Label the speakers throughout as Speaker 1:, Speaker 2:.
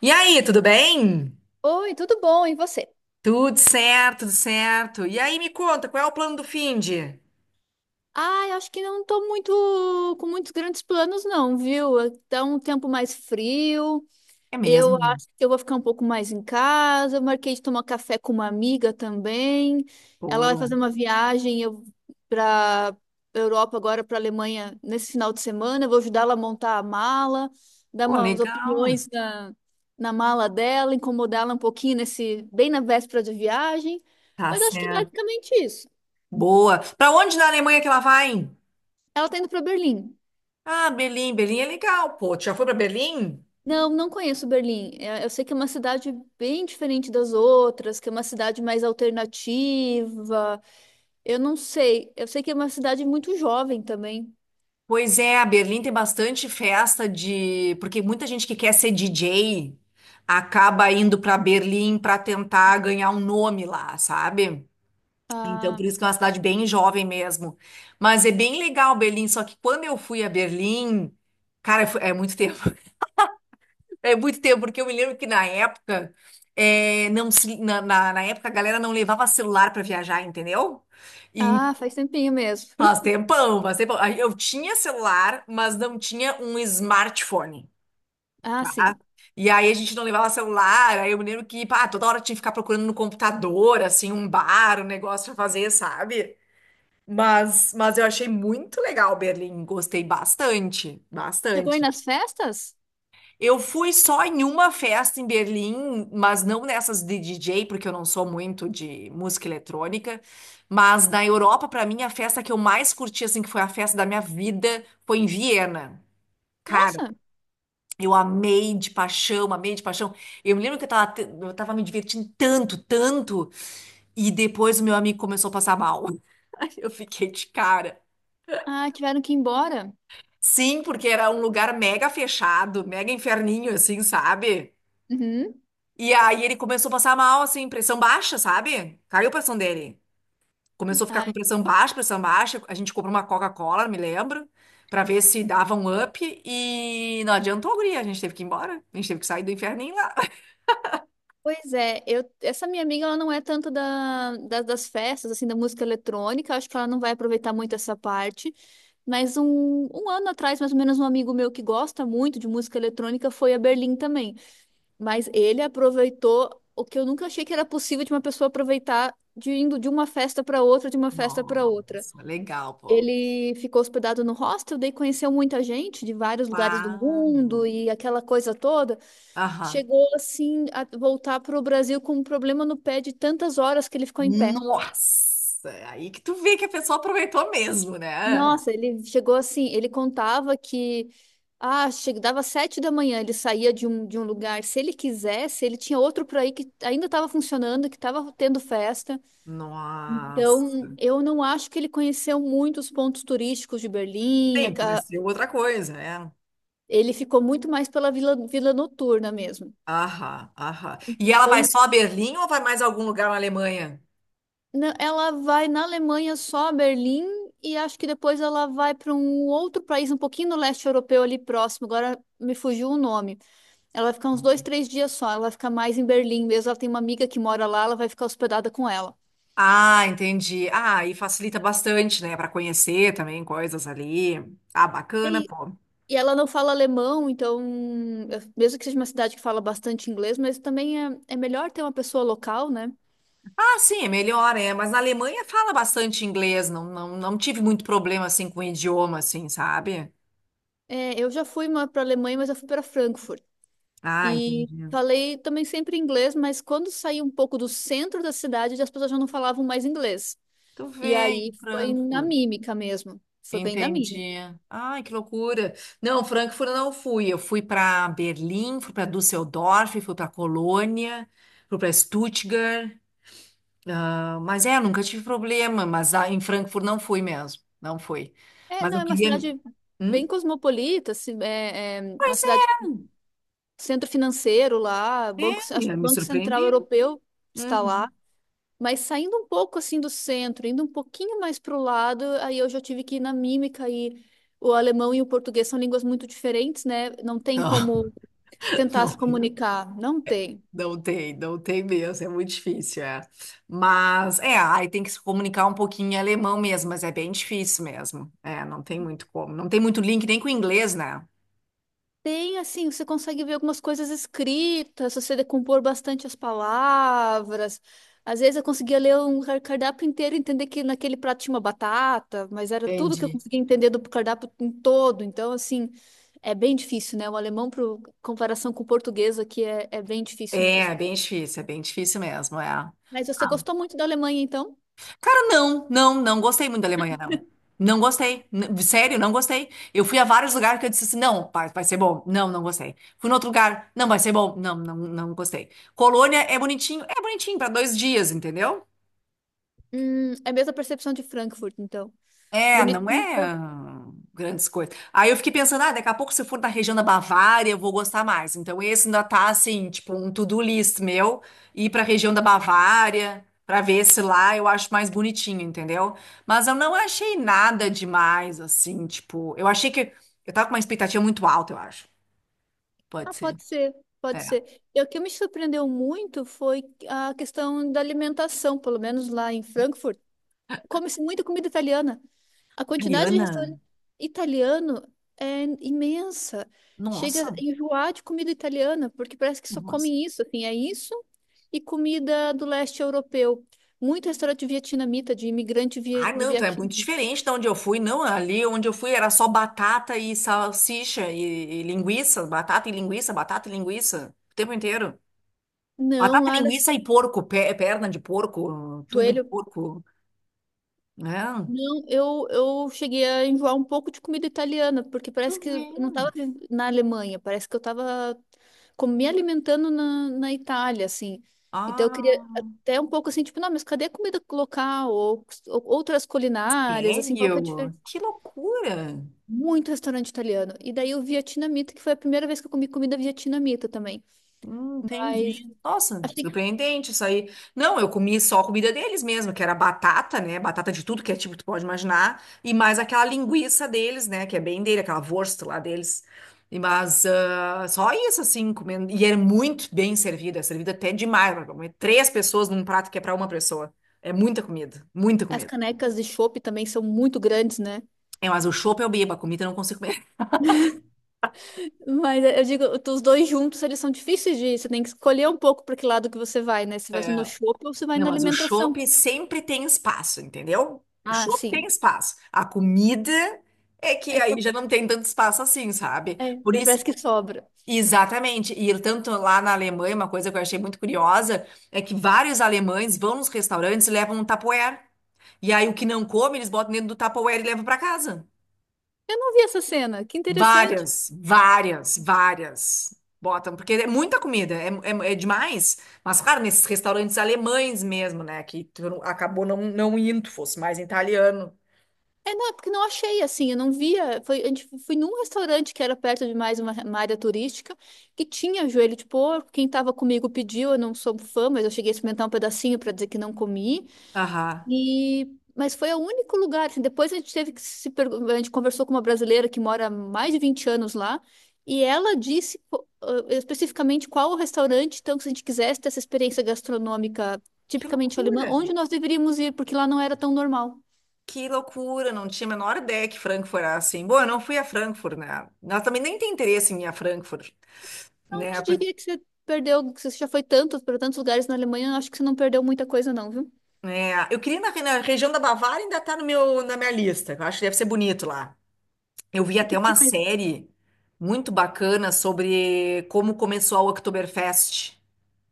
Speaker 1: E aí, tudo bem?
Speaker 2: Oi, tudo bom? E você?
Speaker 1: Tudo certo, tudo certo. E aí, me conta, qual é o plano do finde?
Speaker 2: Ah, eu acho que não tô muito com muitos grandes planos, não, viu? Tá um tempo mais frio.
Speaker 1: É
Speaker 2: Eu
Speaker 1: mesmo?
Speaker 2: acho que eu vou ficar um pouco mais em casa. Eu marquei de tomar café com uma amiga também. Ela vai
Speaker 1: Boa.
Speaker 2: fazer uma viagem eu para Europa agora, para Alemanha, nesse final de semana. Eu vou ajudar ela a montar a mala, dar
Speaker 1: Pô,
Speaker 2: umas
Speaker 1: legal.
Speaker 2: opiniões na mala dela, incomodá-la um pouquinho nesse bem na véspera de viagem.
Speaker 1: Tá
Speaker 2: Mas acho que é
Speaker 1: certo.
Speaker 2: basicamente isso.
Speaker 1: Boa. Pra onde na Alemanha que ela vai?
Speaker 2: Ela tá indo pra Berlim.
Speaker 1: Ah, Berlim. Berlim é legal, pô. Tu já foi pra Berlim?
Speaker 2: Não, não conheço Berlim. É, eu sei que é uma cidade bem diferente das outras, que é uma cidade mais alternativa. Eu não sei. Eu sei que é uma cidade muito jovem também.
Speaker 1: Pois é, a Berlim tem bastante festa de. Porque muita gente que quer ser DJ acaba indo pra Berlim pra tentar ganhar um nome lá, sabe? Então,
Speaker 2: Ah,
Speaker 1: por isso que é uma cidade bem jovem mesmo. Mas é bem legal Berlim, só que quando eu fui a Berlim, cara, é muito tempo. É muito tempo, porque eu me lembro que na época, é, não se, na época a galera não levava celular para viajar, entendeu? E
Speaker 2: ah, faz tempinho mesmo.
Speaker 1: faz tempão, faz tempão. Aí eu tinha celular, mas não tinha um smartphone.
Speaker 2: Ah, sim.
Speaker 1: E aí a gente não levava celular, aí eu me lembro que, pá, toda hora tinha que ficar procurando no computador, assim, um bar, um negócio pra fazer, sabe? Mas eu achei muito legal Berlim, gostei bastante,
Speaker 2: Chegou aí
Speaker 1: bastante.
Speaker 2: nas festas?
Speaker 1: Eu fui só em uma festa em Berlim, mas não nessas de DJ, porque eu não sou muito de música eletrônica. Mas na Europa, para mim, a festa que eu mais curti, assim, que foi a festa da minha vida, foi em Viena. Cara,
Speaker 2: Nossa!
Speaker 1: eu amei de paixão, amei de paixão. Eu me lembro que eu tava, eu tava me divertindo tanto, tanto, e depois o meu amigo começou a passar mal. Eu fiquei de cara.
Speaker 2: Ah, tiveram que ir embora.
Speaker 1: Sim, porque era um lugar mega fechado, mega inferninho, assim, sabe?
Speaker 2: Uhum.
Speaker 1: E aí ele começou a passar mal, assim, pressão baixa, sabe? Caiu a pressão dele. Começou a ficar
Speaker 2: Ah,
Speaker 1: com pressão baixa, pressão baixa. A gente comprou uma Coca-Cola, me lembro, pra ver se dava um up. E não adiantou, guria. A gente teve que ir embora. A gente teve que sair do inferninho lá.
Speaker 2: pois é, essa minha amiga ela não é tanto das festas, assim, da música eletrônica, acho que ela não vai aproveitar muito essa parte. Mas um ano atrás, mais ou menos, um amigo meu que gosta muito de música eletrônica foi a Berlim também. Mas ele aproveitou o que eu nunca achei que era possível de uma pessoa aproveitar de indo de uma festa para outra, de uma festa para outra.
Speaker 1: Nossa, legal, pô.
Speaker 2: Ele ficou hospedado no hostel, daí conheceu muita gente de vários lugares do
Speaker 1: Uau.
Speaker 2: mundo e aquela coisa toda.
Speaker 1: Aham.
Speaker 2: Chegou assim a voltar para o Brasil com um problema no pé de tantas horas que ele ficou em pé.
Speaker 1: Nossa, aí que tu vê que a pessoa aproveitou mesmo, né?
Speaker 2: Nossa, ele chegou assim, ele contava que chegava dava 7 da manhã, ele saía de um lugar, se ele quisesse, ele tinha outro por aí que ainda estava funcionando, que estava tendo festa. Então,
Speaker 1: Nossa.
Speaker 2: eu não acho que ele conheceu muito os pontos turísticos de Berlim,
Speaker 1: Sim, conhecer outra coisa, é.
Speaker 2: ele ficou muito mais pela vila, vila noturna mesmo.
Speaker 1: Aham, aham. E ela vai
Speaker 2: Então,
Speaker 1: só a Berlim ou vai mais a algum lugar na Alemanha?
Speaker 2: Não, ela vai na Alemanha só a Berlim e acho que depois ela vai para um outro país um pouquinho no leste europeu ali próximo. Agora me fugiu o nome. Ela vai ficar uns dois, três dias só. Ela vai ficar mais em Berlim mesmo. Ela tem uma amiga que mora lá, ela vai ficar hospedada com ela.
Speaker 1: Ah, entendi. Ah, aí facilita bastante, né, para conhecer também coisas ali. Ah, bacana,
Speaker 2: E,
Speaker 1: pô.
Speaker 2: e ela não fala alemão, então, mesmo que seja uma cidade que fala bastante inglês, mas também é melhor ter uma pessoa local, né?
Speaker 1: Ah, sim, é melhor, é. Mas na Alemanha fala bastante inglês, não, não, não tive muito problema assim com o idioma, assim, sabe?
Speaker 2: É, eu já fui para a Alemanha, mas eu fui para Frankfurt.
Speaker 1: Ah,
Speaker 2: E
Speaker 1: entendi.
Speaker 2: falei também sempre inglês, mas quando saí um pouco do centro da cidade, as pessoas já não falavam mais inglês.
Speaker 1: Tu
Speaker 2: E
Speaker 1: vem,
Speaker 2: aí foi na
Speaker 1: Frankfurt.
Speaker 2: mímica mesmo. Foi bem na mímica.
Speaker 1: Entendi. Ai, que loucura. Não, Frankfurt eu não fui. Eu fui para Berlim, fui para Düsseldorf, fui para Colônia, fui para Stuttgart. Ah, mas é, eu nunca tive problema, mas ah, em Frankfurt não fui mesmo. Não fui.
Speaker 2: É,
Speaker 1: Mas
Speaker 2: não,
Speaker 1: eu
Speaker 2: é uma
Speaker 1: queria.
Speaker 2: cidade bem
Speaker 1: Hum?
Speaker 2: cosmopolita, assim, é uma
Speaker 1: Pois é,
Speaker 2: cidade centro financeiro lá, banco, acho
Speaker 1: me,
Speaker 2: que o
Speaker 1: me
Speaker 2: Banco Central
Speaker 1: surpreendeu.
Speaker 2: Europeu está lá.
Speaker 1: Uhum.
Speaker 2: Mas saindo um pouco assim do centro, indo um pouquinho mais para o lado, aí eu já tive que ir na mímica e o alemão e o português são línguas muito diferentes, né? Não tem
Speaker 1: Não,
Speaker 2: como tentar
Speaker 1: não.
Speaker 2: se comunicar. Não tem.
Speaker 1: Não tem, não tem mesmo, é muito difícil, é. Mas, é, aí tem que se comunicar um pouquinho em alemão mesmo, mas é bem difícil mesmo. É, não tem muito como. Não tem muito link nem com o inglês, né?
Speaker 2: Tem, assim, você consegue ver algumas coisas escritas, se você decompor bastante as palavras. Às vezes eu conseguia ler um cardápio inteiro e entender que naquele prato tinha uma batata, mas era tudo que eu
Speaker 1: Entendi.
Speaker 2: conseguia entender do cardápio em todo. Então, assim, é bem difícil, né? O alemão, pro comparação com o português aqui, é bem difícil
Speaker 1: É,
Speaker 2: mesmo.
Speaker 1: é bem difícil mesmo, é. Ah,
Speaker 2: Mas você gostou muito da Alemanha, então?
Speaker 1: cara, não, não, não gostei muito da Alemanha, não. Não gostei, sério, não gostei. Eu fui a vários lugares que eu disse assim, não, vai, vai ser bom. Não, não gostei. Fui em outro lugar, não, vai ser bom. Não, não, não gostei. Colônia é bonitinho para dois dias, entendeu?
Speaker 2: É a mesma percepção de Frankfurt, então.
Speaker 1: É, não
Speaker 2: Bonitinho.
Speaker 1: é grandes coisas. Aí eu fiquei pensando, ah, daqui a pouco se eu for na região da Bavária, eu vou gostar mais. Então esse ainda tá assim, tipo um to-do list meu, ir pra região da Bavária, pra ver se lá eu acho mais bonitinho, entendeu? Mas eu não achei nada demais assim, tipo, eu achei que eu tava com uma expectativa muito alta, eu acho. Pode
Speaker 2: Ah,
Speaker 1: ser.
Speaker 2: pode ser, pode
Speaker 1: É,
Speaker 2: ser. E o que me surpreendeu muito foi a questão da alimentação, pelo menos lá em Frankfurt. Come-se muita comida italiana. A quantidade de
Speaker 1: italiana.
Speaker 2: restaurante italiano é imensa. Chega a
Speaker 1: Nossa,
Speaker 2: enjoar de comida italiana, porque parece que só
Speaker 1: nossa.
Speaker 2: comem isso, assim, é isso e comida do leste europeu. Muito restaurante vietnamita, de imigrante
Speaker 1: Ah,
Speaker 2: do
Speaker 1: não, então é muito
Speaker 2: Vietnã.
Speaker 1: diferente da onde eu fui. Não, ali onde eu fui era só batata e salsicha e linguiça, batata e linguiça, batata e linguiça, o tempo inteiro.
Speaker 2: Não,
Speaker 1: Batata,
Speaker 2: Lara,
Speaker 1: linguiça e porco, perna de porco, tudo de
Speaker 2: joelho.
Speaker 1: porco, né?
Speaker 2: Não, eu cheguei a enjoar um pouco de comida italiana, porque
Speaker 1: Tu
Speaker 2: parece que
Speaker 1: vê.
Speaker 2: eu não estava na Alemanha, parece que eu estava me alimentando na Itália, assim. Então eu queria
Speaker 1: Ah,
Speaker 2: até um pouco assim, tipo, não, mas cadê a comida local? Ou outras culinárias, assim, qual que é a
Speaker 1: sério?
Speaker 2: diferença?
Speaker 1: Que loucura!
Speaker 2: Muito restaurante italiano. E daí o vietnamita, que foi a primeira vez que eu comi comida vietnamita também. Mas
Speaker 1: Entendi. Nossa,
Speaker 2: achei que
Speaker 1: surpreendente isso aí. Não, eu comi só a comida deles mesmo, que era batata, né? Batata de tudo que é tipo, tu pode imaginar. E mais aquela linguiça deles, né? Que é bem dele, aquela wurst lá deles. E, mas ah, só isso, assim, comendo. E era muito bem servida, é servida até demais. Pra comer três pessoas num prato que é pra uma pessoa. É muita comida, muita
Speaker 2: as
Speaker 1: comida.
Speaker 2: canecas de chopp também são muito grandes, né?
Speaker 1: É, mas o chopp eu bebo, a comida eu não consigo comer.
Speaker 2: Mas eu digo, os dois juntos, eles são difíceis de ir. Você tem que escolher um pouco para que lado que você vai, né? Se vai no shopping ou se vai
Speaker 1: Não,
Speaker 2: na
Speaker 1: mas o
Speaker 2: alimentação.
Speaker 1: chopp sempre tem espaço, entendeu? O
Speaker 2: Ah,
Speaker 1: chopp tem
Speaker 2: sim.
Speaker 1: espaço. A comida é que
Speaker 2: Aí,
Speaker 1: aí já não tem tanto espaço assim, sabe?
Speaker 2: é,
Speaker 1: Por
Speaker 2: aí parece
Speaker 1: isso,
Speaker 2: que sobra.
Speaker 1: exatamente. E tanto lá na Alemanha, uma coisa que eu achei muito curiosa é que vários alemães vão nos restaurantes e levam um Tupperware. E aí o que não come, eles botam dentro do Tupperware e levam para casa.
Speaker 2: Eu não vi essa cena. Que interessante.
Speaker 1: Várias, várias, várias botam, porque é muita comida, é, é, é demais. Mas, claro, nesses restaurantes alemães mesmo, né? Que tu acabou não, não indo, fosse mais italiano.
Speaker 2: É, não, é porque não achei assim. Eu não via. Foi, a gente foi num restaurante que era perto de mais uma área turística que tinha joelho de porco. Quem estava comigo pediu. Eu não sou fã, mas eu cheguei a experimentar um pedacinho para dizer que não comi.
Speaker 1: Aham.
Speaker 2: E, mas foi o único lugar. Assim, depois a gente teve que se pergu- a gente conversou com uma brasileira que mora há mais de 20 anos lá, e ela disse especificamente qual o restaurante, então, que se a gente quisesse ter essa experiência gastronômica
Speaker 1: Que
Speaker 2: tipicamente alemã,
Speaker 1: loucura!
Speaker 2: onde nós deveríamos ir, porque lá não era tão normal.
Speaker 1: Que loucura! Não tinha a menor ideia que Frankfurt era assim. Bom, eu não fui a Frankfurt, né? Nós também nem tem interesse em ir a Frankfurt,
Speaker 2: Não
Speaker 1: né?
Speaker 2: te diria que você perdeu, que você já foi tanto para tantos lugares na Alemanha, acho que você não perdeu muita coisa, não, viu?
Speaker 1: Né, eu queria ir na região da Bavária ainda tá no na minha lista. Eu acho que deve ser bonito lá. Eu vi
Speaker 2: O que
Speaker 1: até uma
Speaker 2: tem mais?
Speaker 1: série muito bacana sobre como começou a Oktoberfest.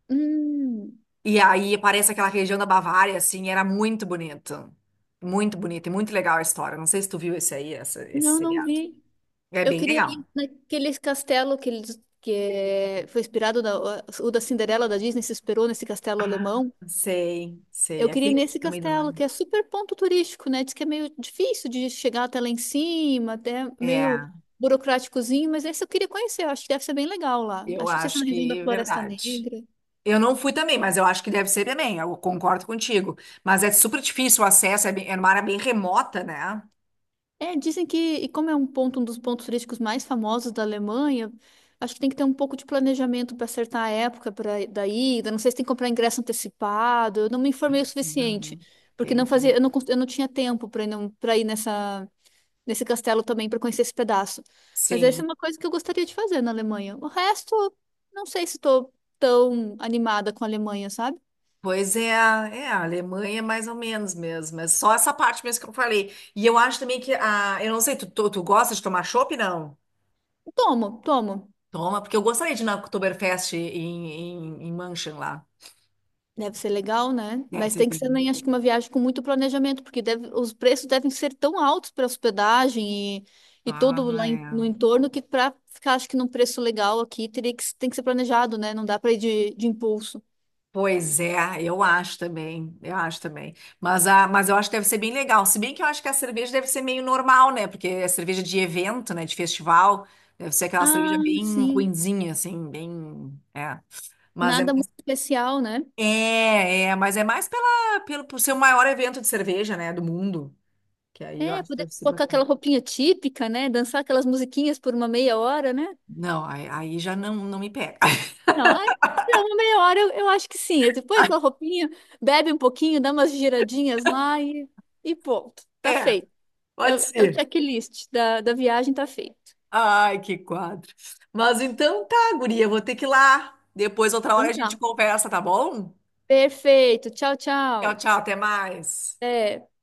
Speaker 2: Hum,
Speaker 1: E aí aparece aquela região da Bavária, assim, era muito bonito. Muito bonito e muito legal a história. Não sei se tu viu esse aí, esse
Speaker 2: não, não
Speaker 1: seriado.
Speaker 2: vi.
Speaker 1: É
Speaker 2: Eu
Speaker 1: bem
Speaker 2: queria
Speaker 1: legal.
Speaker 2: ir naqueles castelo que eles foi inspirado o da Cinderela da Disney se inspirou nesse castelo
Speaker 1: Ah,
Speaker 2: alemão.
Speaker 1: sei, sei.
Speaker 2: Eu queria ir
Speaker 1: Aquele que fica
Speaker 2: nesse
Speaker 1: no meio do
Speaker 2: castelo
Speaker 1: lado.
Speaker 2: que é super ponto turístico, né? Diz que é meio difícil de chegar até lá em cima, até
Speaker 1: É,
Speaker 2: meio burocráticozinho, mas esse eu queria conhecer. Eu acho que deve ser bem legal lá.
Speaker 1: eu
Speaker 2: Acho que não sei se é
Speaker 1: acho
Speaker 2: na região da
Speaker 1: que é
Speaker 2: Floresta
Speaker 1: verdade.
Speaker 2: Negra.
Speaker 1: Eu não fui também, mas eu acho que deve ser também. Eu concordo contigo. Mas é super difícil o acesso, é, bem, é uma área bem remota, né?
Speaker 2: É, dizem que, e como é um ponto, um dos pontos turísticos mais famosos da Alemanha, acho que tem que ter um pouco de planejamento para acertar a época para da ida. Não sei se tem que comprar ingresso antecipado. Eu não me informei o suficiente,
Speaker 1: Uhum,
Speaker 2: porque não
Speaker 1: entendi.
Speaker 2: fazia, eu não, eu não tinha tempo para ir, pra ir nesse castelo também para conhecer esse pedaço. Mas essa é
Speaker 1: Sim.
Speaker 2: uma coisa que eu gostaria de fazer na Alemanha. O resto, não sei se estou tão animada com a Alemanha, sabe?
Speaker 1: Pois é, é, a Alemanha é mais ou menos mesmo, é só essa parte mesmo que eu falei. E eu acho também que, a, eu não sei, tu gosta de tomar chopp, não?
Speaker 2: Tomo, tomo.
Speaker 1: Toma, porque eu gostaria de ir na Oktoberfest em, em, em München lá.
Speaker 2: Deve ser legal, né?
Speaker 1: Deve
Speaker 2: Mas
Speaker 1: ser
Speaker 2: tem que ser,
Speaker 1: bem.
Speaker 2: nem acho que uma viagem com muito planejamento, porque os preços devem ser tão altos para hospedagem e
Speaker 1: Ah,
Speaker 2: todo lá no
Speaker 1: é.
Speaker 2: entorno que para ficar, acho que num preço legal aqui, tem que ser planejado, né? Não dá para ir de impulso.
Speaker 1: Pois é, eu acho também, eu acho também. Mas, a, mas eu acho que deve ser bem legal. Se bem que eu acho que a cerveja deve ser meio normal, né? Porque é cerveja de evento, né? De festival. Deve ser aquela cerveja
Speaker 2: Ah,
Speaker 1: bem
Speaker 2: sim.
Speaker 1: ruinzinha, assim, bem. É. Mas é.
Speaker 2: Nada muito especial, né?
Speaker 1: É, é, mas é mais pela, pelo, por ser o maior evento de cerveja, né, do mundo. Que aí eu
Speaker 2: É,
Speaker 1: acho que
Speaker 2: poder
Speaker 1: deve ser
Speaker 2: colocar
Speaker 1: bacana.
Speaker 2: aquela roupinha típica, né? Dançar aquelas musiquinhas por uma meia hora, né?
Speaker 1: Não, aí, aí já não, não me pega.
Speaker 2: Não, ai, não, uma meia hora eu acho que sim. Depois aquela roupinha, bebe um pouquinho, dá umas giradinhas lá e pronto, tá
Speaker 1: É,
Speaker 2: feito. É
Speaker 1: pode
Speaker 2: o é o
Speaker 1: ser.
Speaker 2: checklist da viagem tá feito.
Speaker 1: Ai, que quadro. Mas então tá, guria, eu vou ter que ir lá. Depois, outra hora, a
Speaker 2: Então
Speaker 1: gente
Speaker 2: tá.
Speaker 1: conversa, tá bom?
Speaker 2: Perfeito. Tchau,
Speaker 1: Tchau,
Speaker 2: tchau.
Speaker 1: tchau, até mais.
Speaker 2: Até.